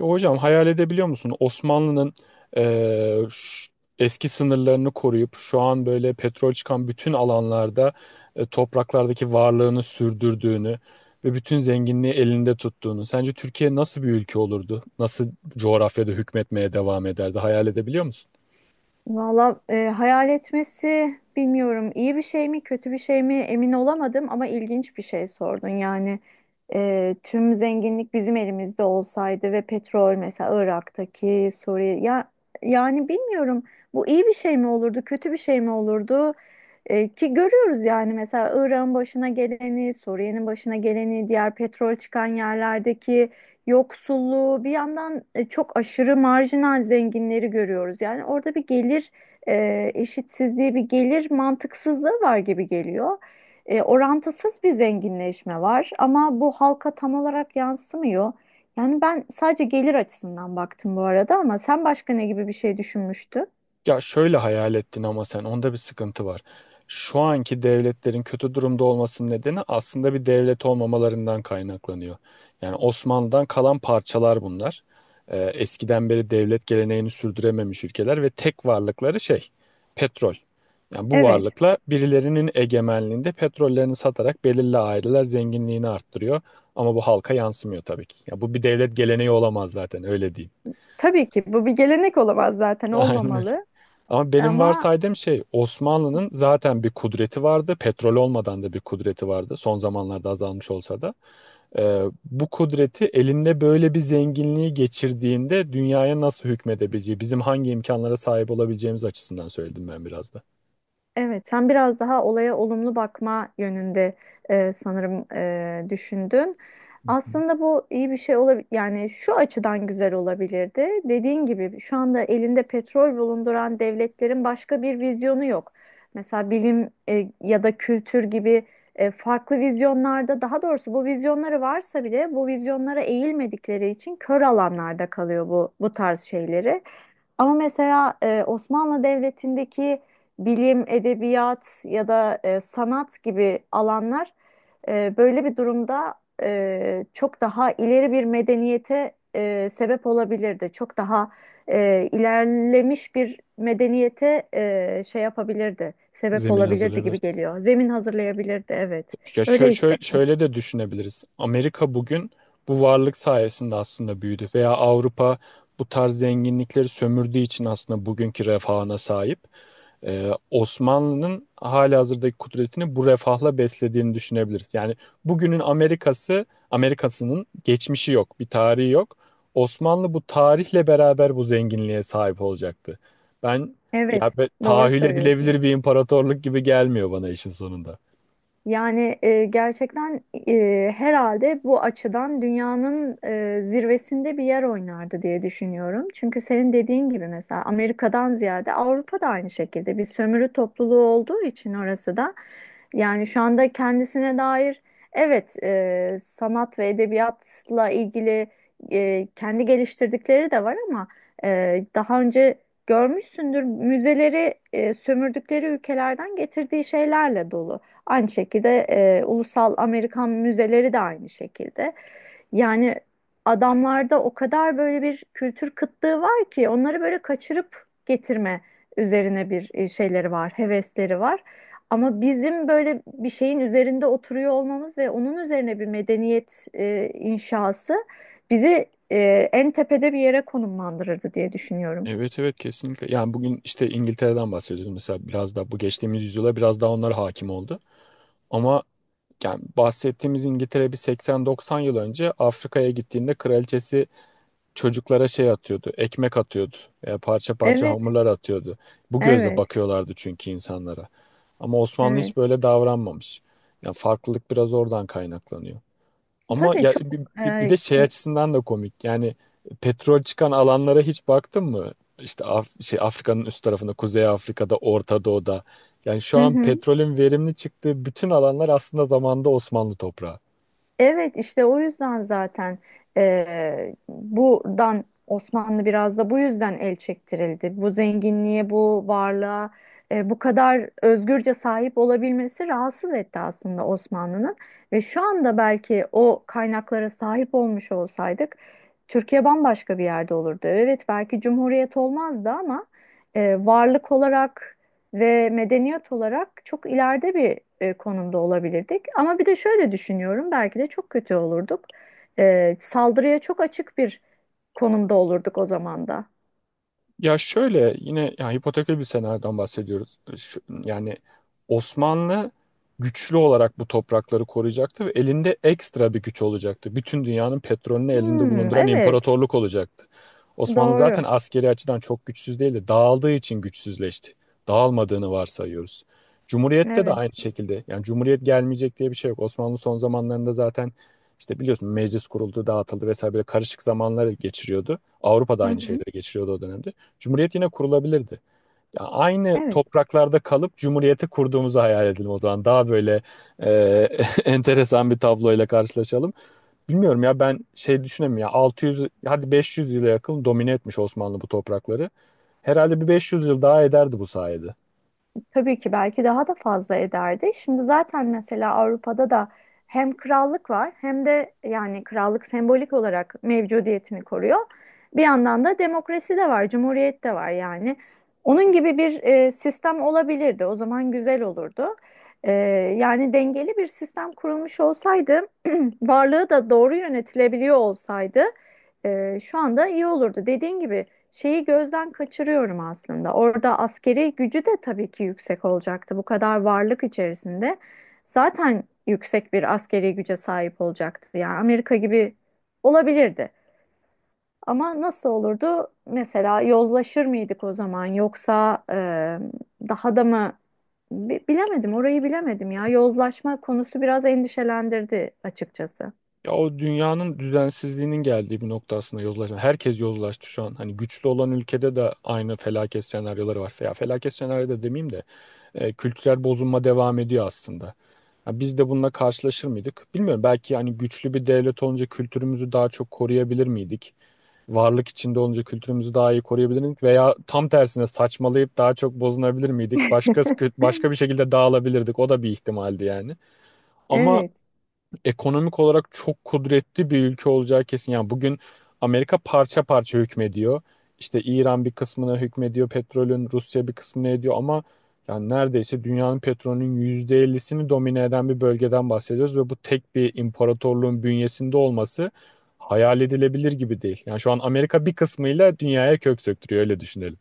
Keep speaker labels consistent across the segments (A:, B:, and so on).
A: Ya hocam hayal edebiliyor musun? Osmanlı'nın eee, ş- eski sınırlarını koruyup şu an böyle petrol çıkan bütün alanlarda topraklardaki varlığını sürdürdüğünü ve bütün zenginliği elinde tuttuğunu. Sence Türkiye nasıl bir ülke olurdu? Nasıl coğrafyada hükmetmeye devam ederdi? Hayal edebiliyor musun?
B: Valla hayal etmesi bilmiyorum iyi bir şey mi kötü bir şey mi emin olamadım ama ilginç bir şey sordun. Yani tüm zenginlik bizim elimizde olsaydı ve petrol mesela Irak'taki Suriye ya yani bilmiyorum bu iyi bir şey mi olurdu kötü bir şey mi olurdu. Ki görüyoruz yani mesela Irak'ın başına geleni Suriye'nin başına geleni diğer petrol çıkan yerlerdeki yoksulluğu, bir yandan çok aşırı marjinal zenginleri görüyoruz. Yani orada bir gelir eşitsizliği, bir gelir mantıksızlığı var gibi geliyor. Orantısız bir zenginleşme var ama bu halka tam olarak yansımıyor. Yani ben sadece gelir açısından baktım bu arada ama sen başka ne gibi bir şey düşünmüştün?
A: Ya şöyle hayal ettin ama sen onda bir sıkıntı var. Şu anki devletlerin kötü durumda olmasının nedeni aslında bir devlet olmamalarından kaynaklanıyor. Yani Osmanlı'dan kalan parçalar bunlar. Eskiden beri devlet geleneğini sürdürememiş ülkeler ve tek varlıkları petrol. Yani bu
B: Evet.
A: varlıkla birilerinin egemenliğinde petrollerini satarak belirli aileler zenginliğini arttırıyor. Ama bu halka yansımıyor tabii ki. Ya bu bir devlet geleneği olamaz zaten öyle diyeyim.
B: Tabii ki bu bir gelenek olamaz zaten
A: Aynen öyle.
B: olmamalı.
A: Ama benim
B: Ama
A: varsaydığım şey Osmanlı'nın zaten bir kudreti vardı. Petrol olmadan da bir kudreti vardı. Son zamanlarda azalmış olsa da. Bu kudreti elinde böyle bir zenginliği geçirdiğinde dünyaya nasıl hükmedebileceği, bizim hangi imkanlara sahip olabileceğimiz açısından söyledim ben biraz da.
B: evet, sen biraz daha olaya olumlu bakma yönünde sanırım düşündün.
A: Hı hı.
B: Aslında bu iyi bir şey olabilir. Yani şu açıdan güzel olabilirdi. Dediğin gibi şu anda elinde petrol bulunduran devletlerin başka bir vizyonu yok. Mesela bilim ya da kültür gibi farklı vizyonlarda, daha doğrusu bu vizyonları varsa bile bu vizyonlara eğilmedikleri için kör alanlarda kalıyor bu tarz şeyleri. Ama mesela Osmanlı Devleti'ndeki bilim, edebiyat ya da sanat gibi alanlar böyle bir durumda çok daha ileri bir medeniyete sebep olabilirdi. Çok daha ilerlemiş bir medeniyete şey yapabilirdi, sebep
A: Zemin
B: olabilirdi
A: hazırlayabilir.
B: gibi geliyor. Zemin hazırlayabilirdi, evet.
A: Ya şö-
B: Öyle
A: şö-
B: hissettim.
A: şöyle de düşünebiliriz. Amerika bugün bu varlık sayesinde aslında büyüdü veya Avrupa bu tarz zenginlikleri sömürdüğü için aslında bugünkü refahına sahip. Osmanlı'nın halihazırdaki kudretini bu refahla beslediğini düşünebiliriz. Yani bugünün Amerikası, Amerikası'nın geçmişi yok, bir tarihi yok. Osmanlı bu tarihle beraber bu zenginliğe sahip olacaktı. Ben
B: Evet, doğru
A: Tahayyül
B: söylüyorsun.
A: edilebilir bir imparatorluk gibi gelmiyor bana işin sonunda.
B: Yani gerçekten herhalde bu açıdan dünyanın zirvesinde bir yer oynardı diye düşünüyorum. Çünkü senin dediğin gibi mesela Amerika'dan ziyade Avrupa da aynı şekilde bir sömürü topluluğu olduğu için orası da yani şu anda kendisine dair evet sanat ve edebiyatla ilgili kendi geliştirdikleri de var ama daha önce görmüşsündür müzeleri sömürdükleri ülkelerden getirdiği şeylerle dolu. Aynı şekilde ulusal Amerikan müzeleri de aynı şekilde. Yani adamlarda o kadar böyle bir kültür kıtlığı var ki onları böyle kaçırıp getirme üzerine bir şeyleri var, hevesleri var. Ama bizim böyle bir şeyin üzerinde oturuyor olmamız ve onun üzerine bir medeniyet inşası bizi en tepede bir yere konumlandırırdı diye düşünüyorum.
A: Evet evet kesinlikle. Yani bugün işte İngiltere'den bahsediyoruz mesela biraz da bu geçtiğimiz yüzyıla biraz daha onlar hakim oldu. Ama yani bahsettiğimiz İngiltere bir 80-90 yıl önce Afrika'ya gittiğinde kraliçesi çocuklara ekmek atıyordu veya parça parça
B: Evet,
A: hamurlar atıyordu. Bu gözle
B: evet,
A: bakıyorlardı çünkü insanlara. Ama Osmanlı hiç
B: evet.
A: böyle davranmamış. Yani farklılık biraz oradan kaynaklanıyor. Ama
B: Tabii
A: ya
B: çok
A: bir de şey açısından da komik. Yani petrol çıkan alanlara hiç baktın mı? İşte Afrika'nın üst tarafında, Kuzey Afrika'da, Orta Doğu'da. Yani şu
B: hı
A: an
B: hı.
A: petrolün verimli çıktığı bütün alanlar aslında zamanda Osmanlı toprağı.
B: Evet işte o yüzden zaten buradan Osmanlı biraz da bu yüzden el çektirildi. Bu zenginliğe, bu varlığa, bu kadar özgürce sahip olabilmesi rahatsız etti aslında Osmanlı'nın. Ve şu anda belki o kaynaklara sahip olmuş olsaydık Türkiye bambaşka bir yerde olurdu. Evet belki cumhuriyet olmazdı ama varlık olarak ve medeniyet olarak çok ileride bir konumda olabilirdik. Ama bir de şöyle düşünüyorum, belki de çok kötü olurduk. Saldırıya çok açık bir konumda olurduk o zaman da.
A: Ya şöyle yine ya hipotekli bir senaryodan bahsediyoruz. Yani Osmanlı güçlü olarak bu toprakları koruyacaktı ve elinde ekstra bir güç olacaktı. Bütün dünyanın petrolünü elinde
B: Hmm,
A: bulunduran
B: evet,
A: imparatorluk olacaktı. Osmanlı zaten
B: doğru.
A: askeri açıdan çok güçsüz değildi. Dağıldığı için güçsüzleşti. Dağılmadığını varsayıyoruz. Cumhuriyette de
B: Evet.
A: aynı şekilde. Yani Cumhuriyet gelmeyecek diye bir şey yok. Osmanlı son zamanlarında zaten işte biliyorsun meclis kuruldu, dağıtıldı vesaire böyle karışık zamanları geçiriyordu. Avrupa'da
B: Hı
A: aynı
B: hı.
A: şeyleri geçiriyordu o dönemde. Cumhuriyet yine kurulabilirdi. Ya aynı
B: Evet.
A: topraklarda kalıp cumhuriyeti kurduğumuzu hayal edelim o zaman. Daha böyle e, enteresan bir tabloyla karşılaşalım. Bilmiyorum ya ben şey düşünemiyorum ya 600 hadi 500 yıla yakın domine etmiş Osmanlı bu toprakları. Herhalde bir 500 yıl daha ederdi bu sayede.
B: Tabii ki belki daha da fazla ederdi. Şimdi zaten mesela Avrupa'da da hem krallık var hem de yani krallık sembolik olarak mevcudiyetini koruyor. Bir yandan da demokrasi de var, cumhuriyet de var yani. Onun gibi bir sistem olabilirdi. O zaman güzel olurdu. E, Yani dengeli bir sistem kurulmuş olsaydı, varlığı da doğru yönetilebiliyor olsaydı şu anda iyi olurdu. Dediğin gibi şeyi gözden kaçırıyorum aslında. Orada askeri gücü de tabii ki yüksek olacaktı. Bu kadar varlık içerisinde zaten yüksek bir askeri güce sahip olacaktı. Yani Amerika gibi olabilirdi. Ama nasıl olurdu? Mesela yozlaşır mıydık o zaman? Yoksa daha da mı? Bilemedim, orayı bilemedim ya. Yozlaşma konusu biraz endişelendirdi açıkçası.
A: Ya o dünyanın düzensizliğinin geldiği bir nokta aslında yozlaşma. Herkes yozlaştı şu an. Hani güçlü olan ülkede de aynı felaket senaryoları var. Ya felaket senaryo da demeyeyim de kültürel bozulma devam ediyor aslında. Ya biz de bununla karşılaşır mıydık? Bilmiyorum. Belki hani güçlü bir devlet olunca kültürümüzü daha çok koruyabilir miydik? Varlık içinde olunca kültürümüzü daha iyi koruyabilir miydik? Veya tam tersine saçmalayıp daha çok bozunabilir miydik? Başka bir şekilde dağılabilirdik. O da bir ihtimaldi yani. Ama
B: Evet.
A: ekonomik olarak çok kudretli bir ülke olacağı kesin. Yani bugün Amerika parça parça hükmediyor. İşte İran bir kısmına hükmediyor petrolün, Rusya bir kısmına ediyor ama yani neredeyse dünyanın petrolünün %50'sini domine eden bir bölgeden bahsediyoruz ve bu tek bir imparatorluğun bünyesinde olması hayal edilebilir gibi değil. Yani şu an Amerika bir kısmıyla dünyaya kök söktürüyor öyle düşünelim.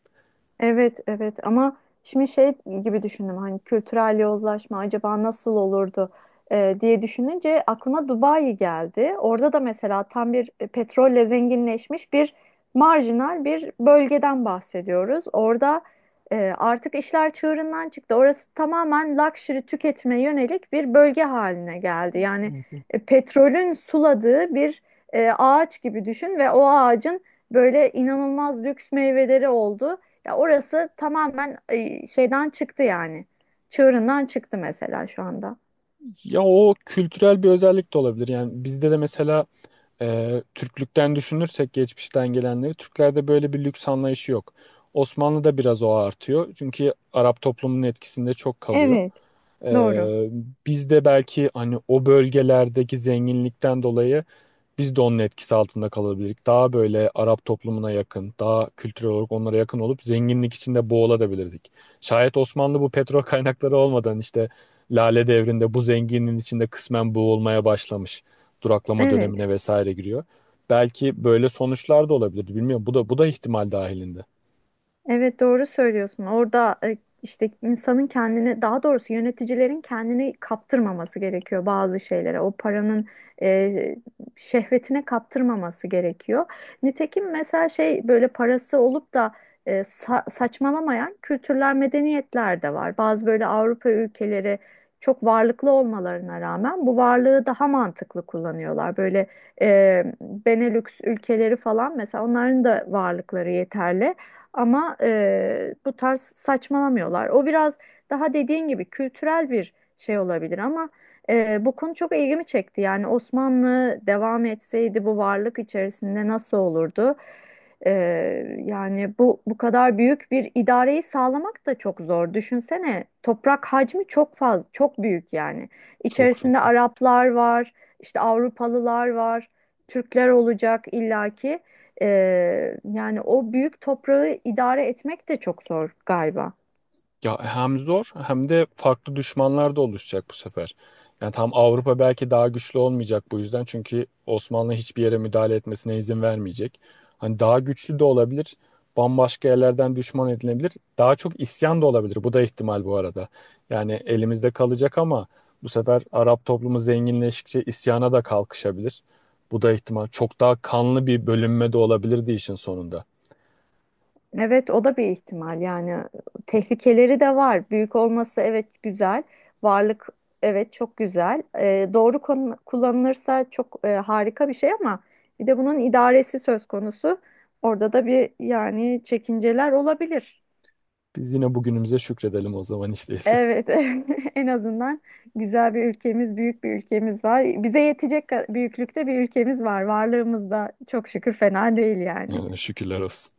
B: Evet, evet ama şimdi şey gibi düşündüm hani kültürel yozlaşma acaba nasıl olurdu diye düşününce aklıma Dubai geldi. Orada da mesela tam bir petrolle zenginleşmiş bir marjinal bir bölgeden bahsediyoruz. Orada artık işler çığırından çıktı. Orası tamamen luxury tüketime yönelik bir bölge haline geldi. Yani petrolün suladığı bir ağaç gibi düşün ve o ağacın böyle inanılmaz lüks meyveleri oldu. Ya orası tamamen şeyden çıktı yani. Çığırından çıktı mesela şu anda.
A: Ya o kültürel bir özellik de olabilir. Yani bizde de mesela Türklükten düşünürsek geçmişten gelenleri Türklerde böyle bir lüks anlayışı yok. Osmanlı'da biraz o artıyor. Çünkü Arap toplumunun etkisinde çok kalıyor.
B: Evet, doğru.
A: Ee, Biz de belki hani o bölgelerdeki zenginlikten dolayı biz de onun etkisi altında kalabilirdik. Daha böyle Arap toplumuna yakın, daha kültürel olarak onlara yakın olup zenginlik içinde boğulabilirdik. Şayet Osmanlı bu petrol kaynakları olmadan işte Lale Devri'nde bu zenginliğin içinde kısmen boğulmaya başlamış. Duraklama
B: Evet.
A: dönemine vesaire giriyor. Belki böyle sonuçlar da olabilirdi. Bilmiyorum. Bu da ihtimal dahilinde.
B: Evet doğru söylüyorsun. Orada işte insanın kendini daha doğrusu yöneticilerin kendini kaptırmaması gerekiyor bazı şeylere. O paranın e, şehvetine kaptırmaması gerekiyor. Nitekim mesela şey böyle parası olup da saçmalamayan kültürler, medeniyetler de var. Bazı böyle Avrupa ülkeleri çok varlıklı olmalarına rağmen bu varlığı daha mantıklı kullanıyorlar. Böyle Benelux ülkeleri falan mesela onların da varlıkları yeterli. Ama bu tarz saçmalamıyorlar. O biraz daha dediğin gibi kültürel bir şey olabilir ama bu konu çok ilgimi çekti. Yani Osmanlı devam etseydi bu varlık içerisinde nasıl olurdu? E, Yani bu kadar büyük bir idareyi sağlamak da çok zor. Düşünsene toprak hacmi çok fazla, çok büyük yani.
A: Çok çok.
B: İçerisinde Araplar var, işte Avrupalılar var, Türkler olacak illaki. Yani o büyük toprağı idare etmek de çok zor galiba.
A: Ya hem zor hem de farklı düşmanlar da oluşacak bu sefer. Yani tam Avrupa belki daha güçlü olmayacak bu yüzden. Çünkü Osmanlı hiçbir yere müdahale etmesine izin vermeyecek. Hani daha güçlü de olabilir. Bambaşka yerlerden düşman edilebilir. Daha çok isyan da olabilir. Bu da ihtimal bu arada. Yani elimizde kalacak ama bu sefer Arap toplumu zenginleştikçe isyana da kalkışabilir. Bu da ihtimal. Çok daha kanlı bir bölünme de olabilirdi işin sonunda.
B: Evet, o da bir ihtimal. Yani tehlikeleri de var. Büyük olması evet güzel. Varlık evet çok güzel. Doğru kullanılırsa çok harika bir şey ama bir de bunun idaresi söz konusu. Orada da bir yani çekinceler olabilir.
A: Biz yine bugünümüze şükredelim o zaman işte.
B: Evet, en azından güzel bir ülkemiz, büyük bir ülkemiz var. Bize yetecek büyüklükte bir ülkemiz var. Varlığımız da çok şükür fena değil yani.
A: Yani şükürler olsun.